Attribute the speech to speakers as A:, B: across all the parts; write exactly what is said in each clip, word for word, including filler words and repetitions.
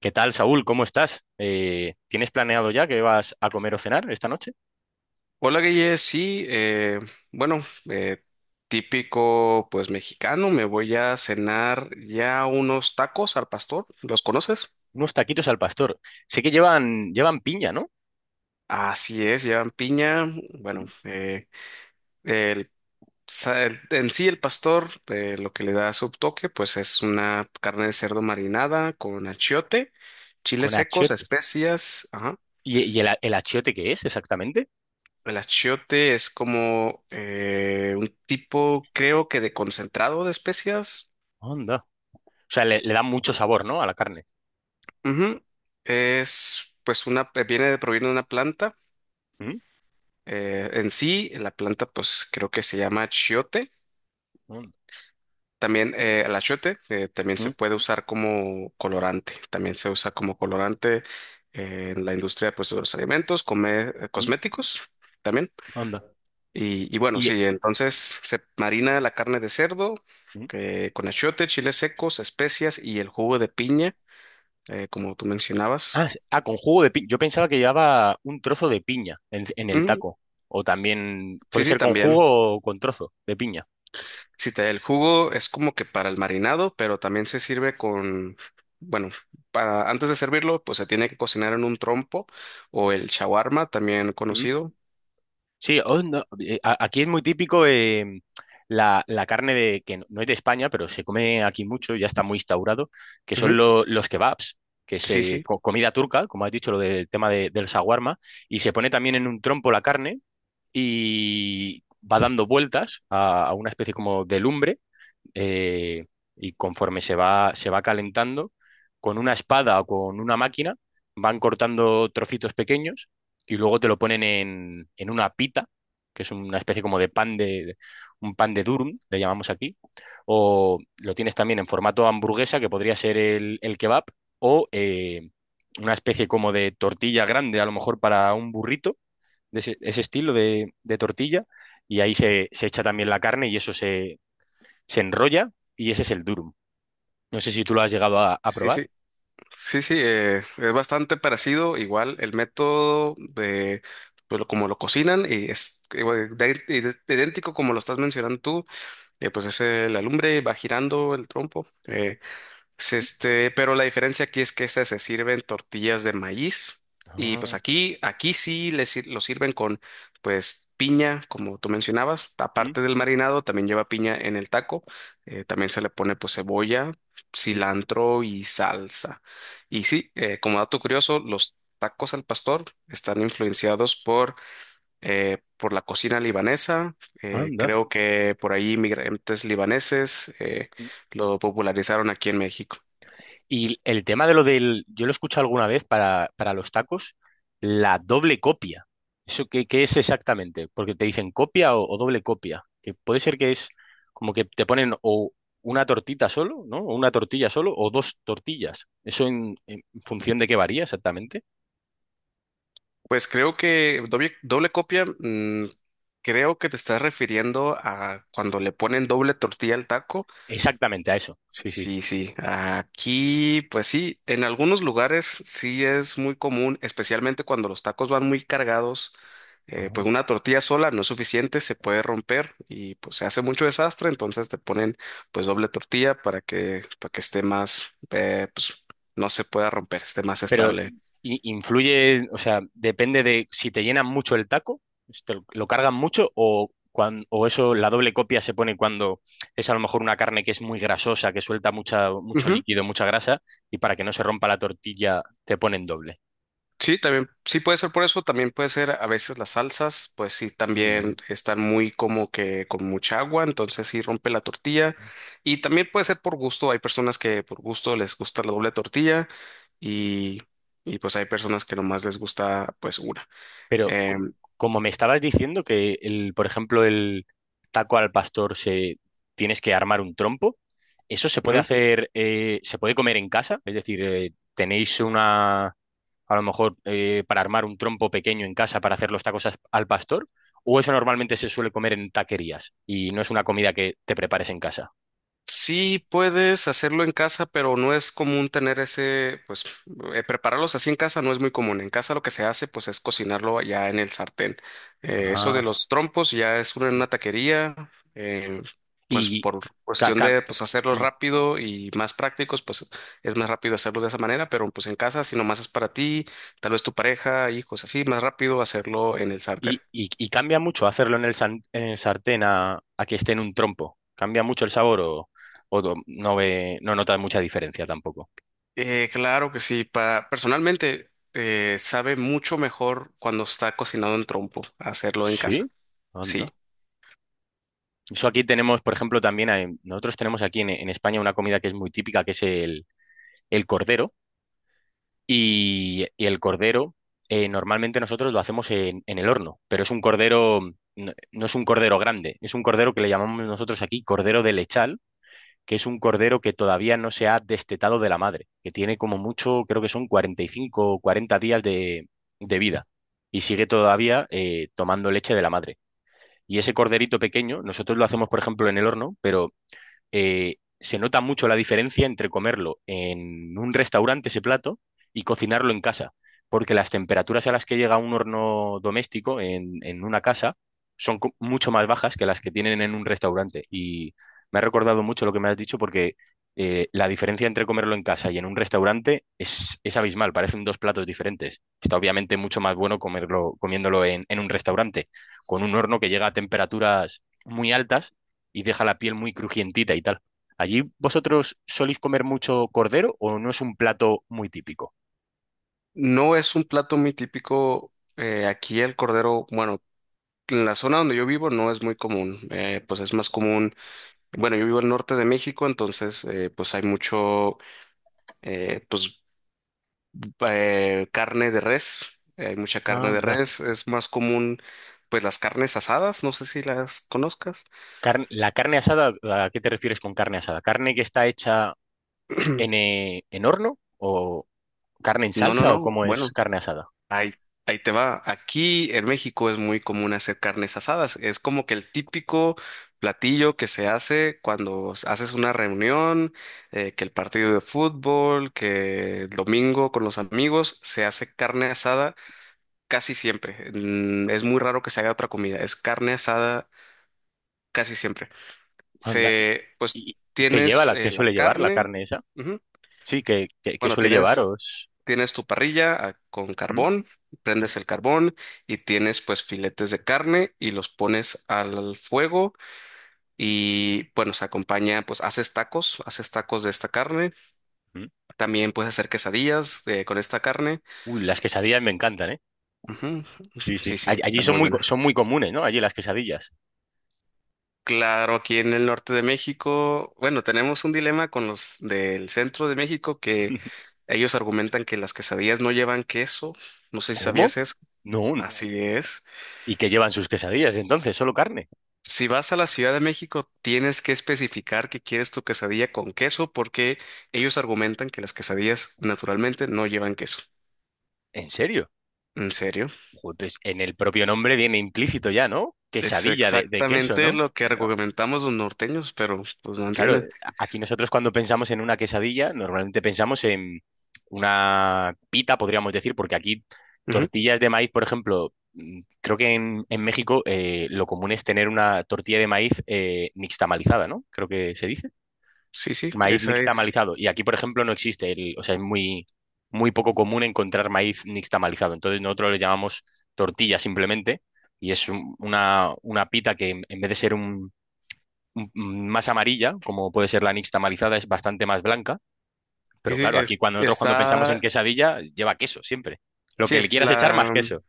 A: ¿Qué tal, Saúl? ¿Cómo estás? Eh, ¿tienes planeado ya que vas a comer o cenar esta noche?
B: Hola Guille, sí, eh, bueno, eh, típico pues mexicano, me voy a cenar ya unos tacos al pastor, ¿los conoces?
A: Unos taquitos al pastor. Sé que llevan, llevan piña, ¿no?
B: Así es, llevan piña, bueno,
A: Mm.
B: eh, el, sa- el- en sí el pastor, eh, lo que le da su toque pues es una carne de cerdo marinada con achiote, chiles
A: Con
B: secos,
A: achiote.
B: especias, ajá.
A: ¿Y, y el, a- el achiote qué es exactamente?
B: El achiote es como eh, un tipo, creo que de concentrado de especias.
A: Onda. O sea, le, le da mucho sabor, ¿no? A la carne.
B: Ujú. Es, pues, una, eh, viene de, proviene de una planta.
A: ¿Mm?
B: Eh, en sí, la planta, pues, creo que se llama chiote.
A: Onda.
B: También, eh, el achiote, eh, también se
A: ¿Mm?
B: puede usar como colorante. También se usa como colorante eh, en la industria, pues, de los alimentos, come- eh,
A: ¿Mm?
B: cosméticos también.
A: Onda.
B: Y, y bueno,
A: Y,
B: sí, entonces se marina la carne de cerdo
A: ¿mm?
B: que, con achiote, chiles secos, especias y el jugo de piña, eh, como tú mencionabas.
A: Ah, ah, con jugo de piña. Yo pensaba que llevaba un trozo de piña en, en el
B: Ujú.
A: taco. O también puede
B: Sí, sí,
A: ser con
B: también.
A: jugo o con trozo de piña.
B: Si te da el jugo, es como que para el marinado, pero también se sirve con, bueno, para, antes de servirlo, pues se tiene que cocinar en un trompo o el shawarma, también conocido.
A: Sí, oh, no, eh, a- aquí es muy típico eh, la, la carne de, que no no es de España, pero se come aquí mucho, ya está muy instaurado, que son
B: Ujú.
A: lo- los kebabs, que es
B: Sí,
A: eh,
B: sí,
A: co- comida turca, como has dicho, lo del tema de- del shawarma, y se pone también en un trompo la carne y va dando vueltas a, a una especie como de lumbre eh, y conforme se va, se va calentando, con una espada o con una máquina van cortando trocitos pequeños y luego te lo ponen en, en una pita, que es una especie como de pan de, un pan de durum, le llamamos aquí, o lo tienes también en formato hamburguesa, que podría ser el, el kebab, o eh, una especie como de tortilla grande, a lo mejor para un burrito, de ese, ese estilo de, de tortilla, y ahí se, se echa también la carne y eso se, se enrolla y ese es el durum. No sé si tú lo has llegado a, a
B: sí, sí,
A: probar.
B: sí, sí, eh, es bastante parecido, igual el método de, pues lo- como lo cocinan y es igual, de- de- idéntico como lo estás mencionando tú, eh, pues es eh, la lumbre, va girando el trompo. eh, Es este, pero la diferencia aquí es que esas se sirven tortillas de maíz y pues
A: Ah,
B: aquí, aquí sí le sir- lo sirven con pues piña, como tú mencionabas,
A: mm,
B: aparte del marinado también lleva piña en el taco, eh, también se le pone pues cebolla,
A: sí,
B: cilantro y salsa. Y sí, eh, como dato curioso, los tacos al pastor están influenciados por, eh, por la cocina libanesa, eh,
A: anda.
B: creo que por ahí inmigrantes libaneses eh, lo popularizaron aquí en México.
A: Y el tema de lo del, yo lo he escuchado alguna vez para, para los tacos, la doble copia. ¿Eso qué, qué es exactamente? Porque te dicen copia o, o doble copia. Que puede ser que es como que te ponen o una tortita solo, ¿no? O una tortilla solo o dos tortillas. ¿Eso en, en función de qué varía exactamente?
B: Pues creo que doble, doble copia, mm, creo que te estás refiriendo a cuando le ponen doble tortilla al taco.
A: Exactamente, a eso. Sí, sí.
B: Sí, sí, aquí pues sí, en algunos lugares sí es muy común, especialmente cuando los tacos van muy cargados, eh, pues una tortilla sola no es suficiente, se puede romper y pues se hace mucho desastre, entonces te ponen pues doble tortilla para que, para que esté más, eh, pues no se pueda romper, esté más
A: Pero
B: estable.
A: i- influye, o sea, depende de si te llenan mucho el taco, si te lo, lo cargan mucho o, cuan- o eso, la doble copia se pone cuando es a lo mejor una carne que es muy grasosa, que suelta mucha, mucho líquido, mucha grasa y para que no se rompa la tortilla te ponen doble.
B: Sí, también, sí puede ser por eso, también puede ser a veces las salsas, pues sí,
A: No.
B: también están muy como que con mucha agua, entonces sí rompe la tortilla. Y también puede ser por gusto, hay personas que por gusto les gusta la doble tortilla y, y pues hay personas que nomás les gusta pues una.
A: Pero co-
B: Em,
A: como me estabas diciendo que el, por ejemplo, el taco al pastor se tienes que armar un trompo, ¿eso se puede hacer, eh, se puede comer en casa? Es decir, eh, ¿tenéis una a lo mejor eh, para armar un trompo pequeño en casa para hacer los tacos as- al pastor, o eso normalmente se suele comer en taquerías y no es una comida que te prepares en casa.
B: Sí, puedes hacerlo en casa, pero no es común tener ese, pues, eh, prepararlos así en casa no es muy común. En casa lo que se hace, pues, es cocinarlo ya en el sartén. Eh, eso de
A: Ah.
B: los trompos ya es una, en una taquería, eh, pues,
A: Y,
B: por
A: ca-
B: cuestión
A: ca-
B: de, pues, hacerlos
A: mm.
B: rápido y más prácticos, pues, es más rápido hacerlos de esa manera, pero, pues, en casa, si nomás es para ti, tal vez tu pareja, hijos, así, más rápido hacerlo en el sartén.
A: Y, y- y cambia mucho hacerlo en el, san- en el sartén a, a que esté en un trompo. ¿Cambia mucho el sabor o, o no, no ve, no notas mucha diferencia tampoco?
B: Eh, claro que sí. Para, personalmente, eh, sabe mucho mejor cuando está cocinado en trompo, hacerlo en casa.
A: Sí.
B: Sí.
A: Anda. Eso aquí tenemos, por ejemplo, también, hay- nosotros tenemos aquí en, en España una comida que es muy típica, que es el, el cordero. Y, y el cordero, eh, normalmente nosotros lo hacemos en, en el horno, pero es un cordero, no, no es un cordero grande, es un cordero que le llamamos nosotros aquí cordero de lechal, que es un cordero que todavía no se ha destetado de la madre, que tiene como mucho, creo que son cuarenta y cinco o cuarenta días de, de vida y sigue todavía eh, tomando leche de la madre. Y ese corderito pequeño, nosotros lo hacemos, por ejemplo, en el horno, pero eh, se nota mucho la diferencia entre comerlo en un restaurante ese plato y cocinarlo en casa, porque las temperaturas a las que llega un horno doméstico en, en una casa son co- mucho más bajas que las que tienen en un restaurante. Y me ha recordado mucho lo que me has dicho porque eh, la diferencia entre comerlo en casa y en un restaurante es, es abismal, parecen dos platos diferentes. Está obviamente mucho más bueno comerlo, comiéndolo en, en un restaurante, con un horno que llega a temperaturas muy altas y deja la piel muy crujientita y tal. ¿Allí vosotros soléis comer mucho cordero o no es un plato muy típico?
B: No es un plato muy típico. Eh, aquí el cordero, bueno, en la zona donde yo vivo no es muy común. Eh, pues es más común. Bueno, yo vivo al norte de México, entonces eh, pues hay mucho, eh, pues eh, carne de res. Hay mucha carne de
A: Anda.
B: res. Es más común, pues las carnes asadas. No sé si las conozcas.
A: Carne- la carne asada, ¿a qué te refieres con carne asada? ¿Carne que está hecha en, eh, en horno o carne en
B: No, no,
A: salsa o
B: no.
A: cómo es
B: Bueno.
A: carne asada?
B: Ahí, ahí te va. Aquí en México es muy común hacer carnes asadas. Es como que el típico platillo que se hace cuando s- haces una reunión, eh, que el partido de fútbol, que el domingo con los amigos, se hace carne asada casi siempre. Mm, es muy raro que se haga otra comida. Es carne asada casi siempre.
A: Anda. ¿Y,
B: Se, pues
A: y- y qué lleva
B: tienes
A: la, qué
B: eh, la
A: suele llevar la
B: carne.
A: carne esa?
B: Ujú.
A: Sí, ¿qué, qué- qué
B: Bueno,
A: suele llevar?
B: tienes.
A: ¿O es-
B: Tienes tu parrilla, ah, con
A: ¿mm?
B: carbón, prendes el carbón y tienes pues filetes de carne y los pones al fuego y bueno, se acompaña, pues haces tacos, haces tacos de esta carne.
A: ¿Mm?
B: También puedes hacer quesadillas eh, con esta carne.
A: Uy, las quesadillas me encantan, ¿eh?
B: Ujú.
A: Sí, sí.
B: Sí, sí,
A: All- Allí
B: está
A: son
B: muy
A: muy, co-
B: buena.
A: son muy comunes, ¿no? Allí las quesadillas.
B: Claro, aquí en el norte de México, bueno, tenemos un dilema con los del centro de México que ellos argumentan que las quesadillas no llevan queso. No sé si
A: ¿Cómo?
B: sabías eso.
A: No.
B: No, así es.
A: ¿Y que llevan sus quesadillas entonces? ¿Solo carne?
B: Si vas a la Ciudad de México, tienes que especificar que quieres tu quesadilla con queso porque ellos argumentan que las quesadillas naturalmente no llevan queso.
A: ¿En serio?
B: ¿En serio?
A: Joder, pues en el propio nombre viene implícito ya, ¿no?
B: Es
A: Quesadilla de, de queso,
B: exactamente
A: ¿no?
B: lo que argumentamos los norteños, pero pues no
A: Claro,
B: entienden.
A: aquí nosotros cuando pensamos en una quesadilla, normalmente pensamos en una pita, podríamos decir, porque aquí
B: Ujú.
A: tortillas de maíz, por ejemplo, mm, creo que en, en México eh, lo común es tener una tortilla de maíz eh, nixtamalizada, ¿no? Creo que se dice.
B: Sí, sí,
A: Maíz
B: esa es.
A: nixtamalizado. Y aquí, por ejemplo, no existe. El- o sea, es muy, muy poco común encontrar maíz nixtamalizado. Entonces, nosotros le llamamos tortilla simplemente. Y es un- una, una pita que en en vez de ser un, un- un- más amarilla, como puede ser la nixtamalizada, es bastante más blanca.
B: Sí,
A: Pero
B: sí,
A: claro,
B: eh,
A: aquí cuando nosotros cuando pensamos en
B: está,
A: quesadilla, lleva queso siempre. Lo
B: sí,
A: que le
B: es
A: quieras echar más
B: la,
A: queso.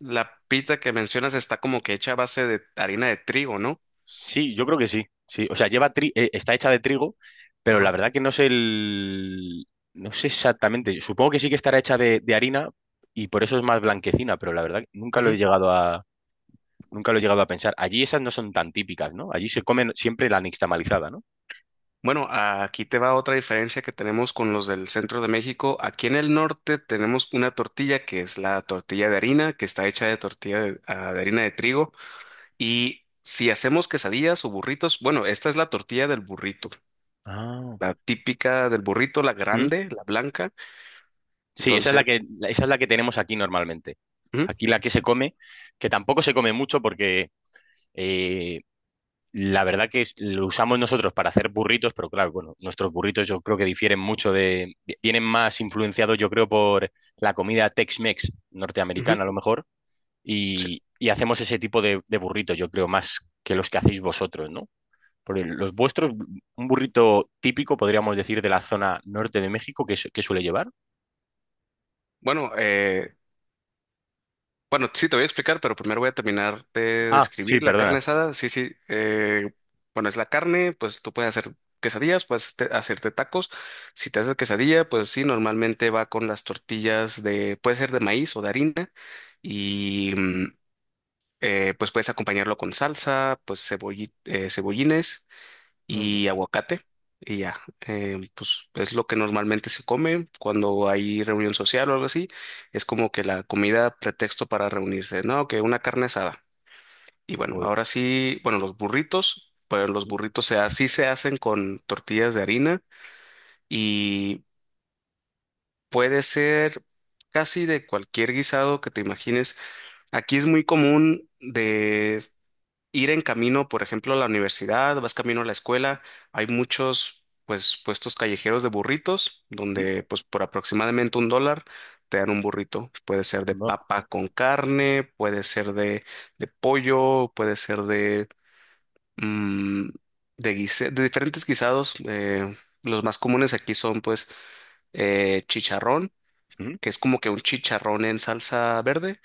B: la pita que mencionas está como que hecha a base de harina de trigo, ¿no?
A: Sí, yo creo que sí. Sí, o sea, lleva tri- eh, está hecha de trigo, pero la
B: Ajá.
A: verdad que no sé el no sé exactamente. Supongo que sí que estará hecha de, de harina y por eso es más blanquecina, pero la verdad que nunca lo he llegado a nunca lo he llegado a pensar. Allí esas no son tan típicas, ¿no? Allí se comen siempre la nixtamalizada, ¿no?
B: Bueno, aquí te va otra diferencia que tenemos con los del centro de México. Aquí en el norte tenemos una tortilla que es la tortilla de harina, que está hecha de tortilla de, ah, de harina de trigo. Y si hacemos quesadillas o burritos, bueno, esta es la tortilla del burrito,
A: Ah.
B: la típica del burrito, la
A: ¿Mm?
B: grande, la blanca.
A: Sí, esa es la
B: Entonces,
A: que la- esa es la que tenemos aquí normalmente.
B: ujú,
A: Aquí la que se come, que tampoco se come mucho porque eh, la verdad que es- lo usamos nosotros para hacer burritos, pero claro, bueno, nuestros burritos yo creo que difieren mucho de, vienen más influenciados yo creo por la comida Tex-Mex
B: ujú,
A: norteamericana a lo mejor,
B: sí.
A: y, y hacemos ese tipo de, de burritos yo creo más que los que hacéis vosotros, ¿no? Porque los vuestros, un burrito típico podríamos decir de la zona norte de México, ¿qué, su- qué suele llevar?
B: Bueno, eh, Bueno, sí, te voy a explicar, pero primero voy a terminar de
A: Ah, sí,
B: describir la carne
A: perdona.
B: asada. Sí, sí. Eh, bueno, es la carne, pues tú puedes hacer quesadillas, puedes te- hacerte tacos. Si te haces quesadilla, pues sí, normalmente va con las tortillas de, puede ser de maíz o de harina. Y mm, eh, pues puedes acompañarlo con salsa, pues cebolli- eh, cebollines
A: No, no,
B: y aguacate y ya. Eh, pues es lo que normalmente se come cuando hay reunión social o algo así. Es como que la comida pretexto para reunirse, ¿no? Que una carne asada. Y bueno,
A: joder.
B: ahora sí, bueno, los burritos, pero los burritos se, así se hacen con tortillas de harina y puede ser casi de cualquier guisado que te imagines. Aquí es muy común de... ir en camino, por ejemplo, a la universidad, vas camino a la escuela, hay muchos pues puestos callejeros de burritos
A: Mm,
B: donde pues por aproximadamente un dólar te dan un burrito. Puede ser de
A: no.
B: papa con carne, puede ser de, de pollo, puede ser de, mm, de, guise- de diferentes guisados. Eh, los más comunes aquí son pues eh, chicharrón,
A: Mm,
B: que es como que un chicharrón en salsa verde.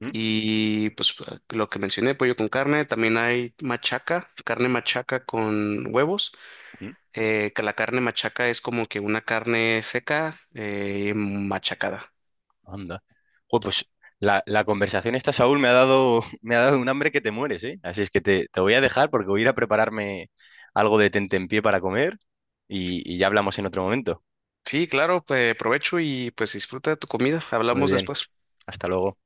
A: mm,
B: Y pues lo que mencioné, pollo con carne, también hay machaca, carne machaca con huevos,
A: mm.
B: eh, que la carne machaca es como que una carne seca eh, machacada.
A: Anda. Joder, pues la, la conversación esta, Saúl, me ha dado, me ha dado un hambre que te mueres, ¿eh? Así es que te, te voy a dejar porque voy a ir a prepararme algo de tentempié para comer y, y ya hablamos en otro momento.
B: Sí, claro, pues provecho y pues disfruta de tu comida.
A: Muy
B: Hablamos
A: bien,
B: después.
A: hasta luego.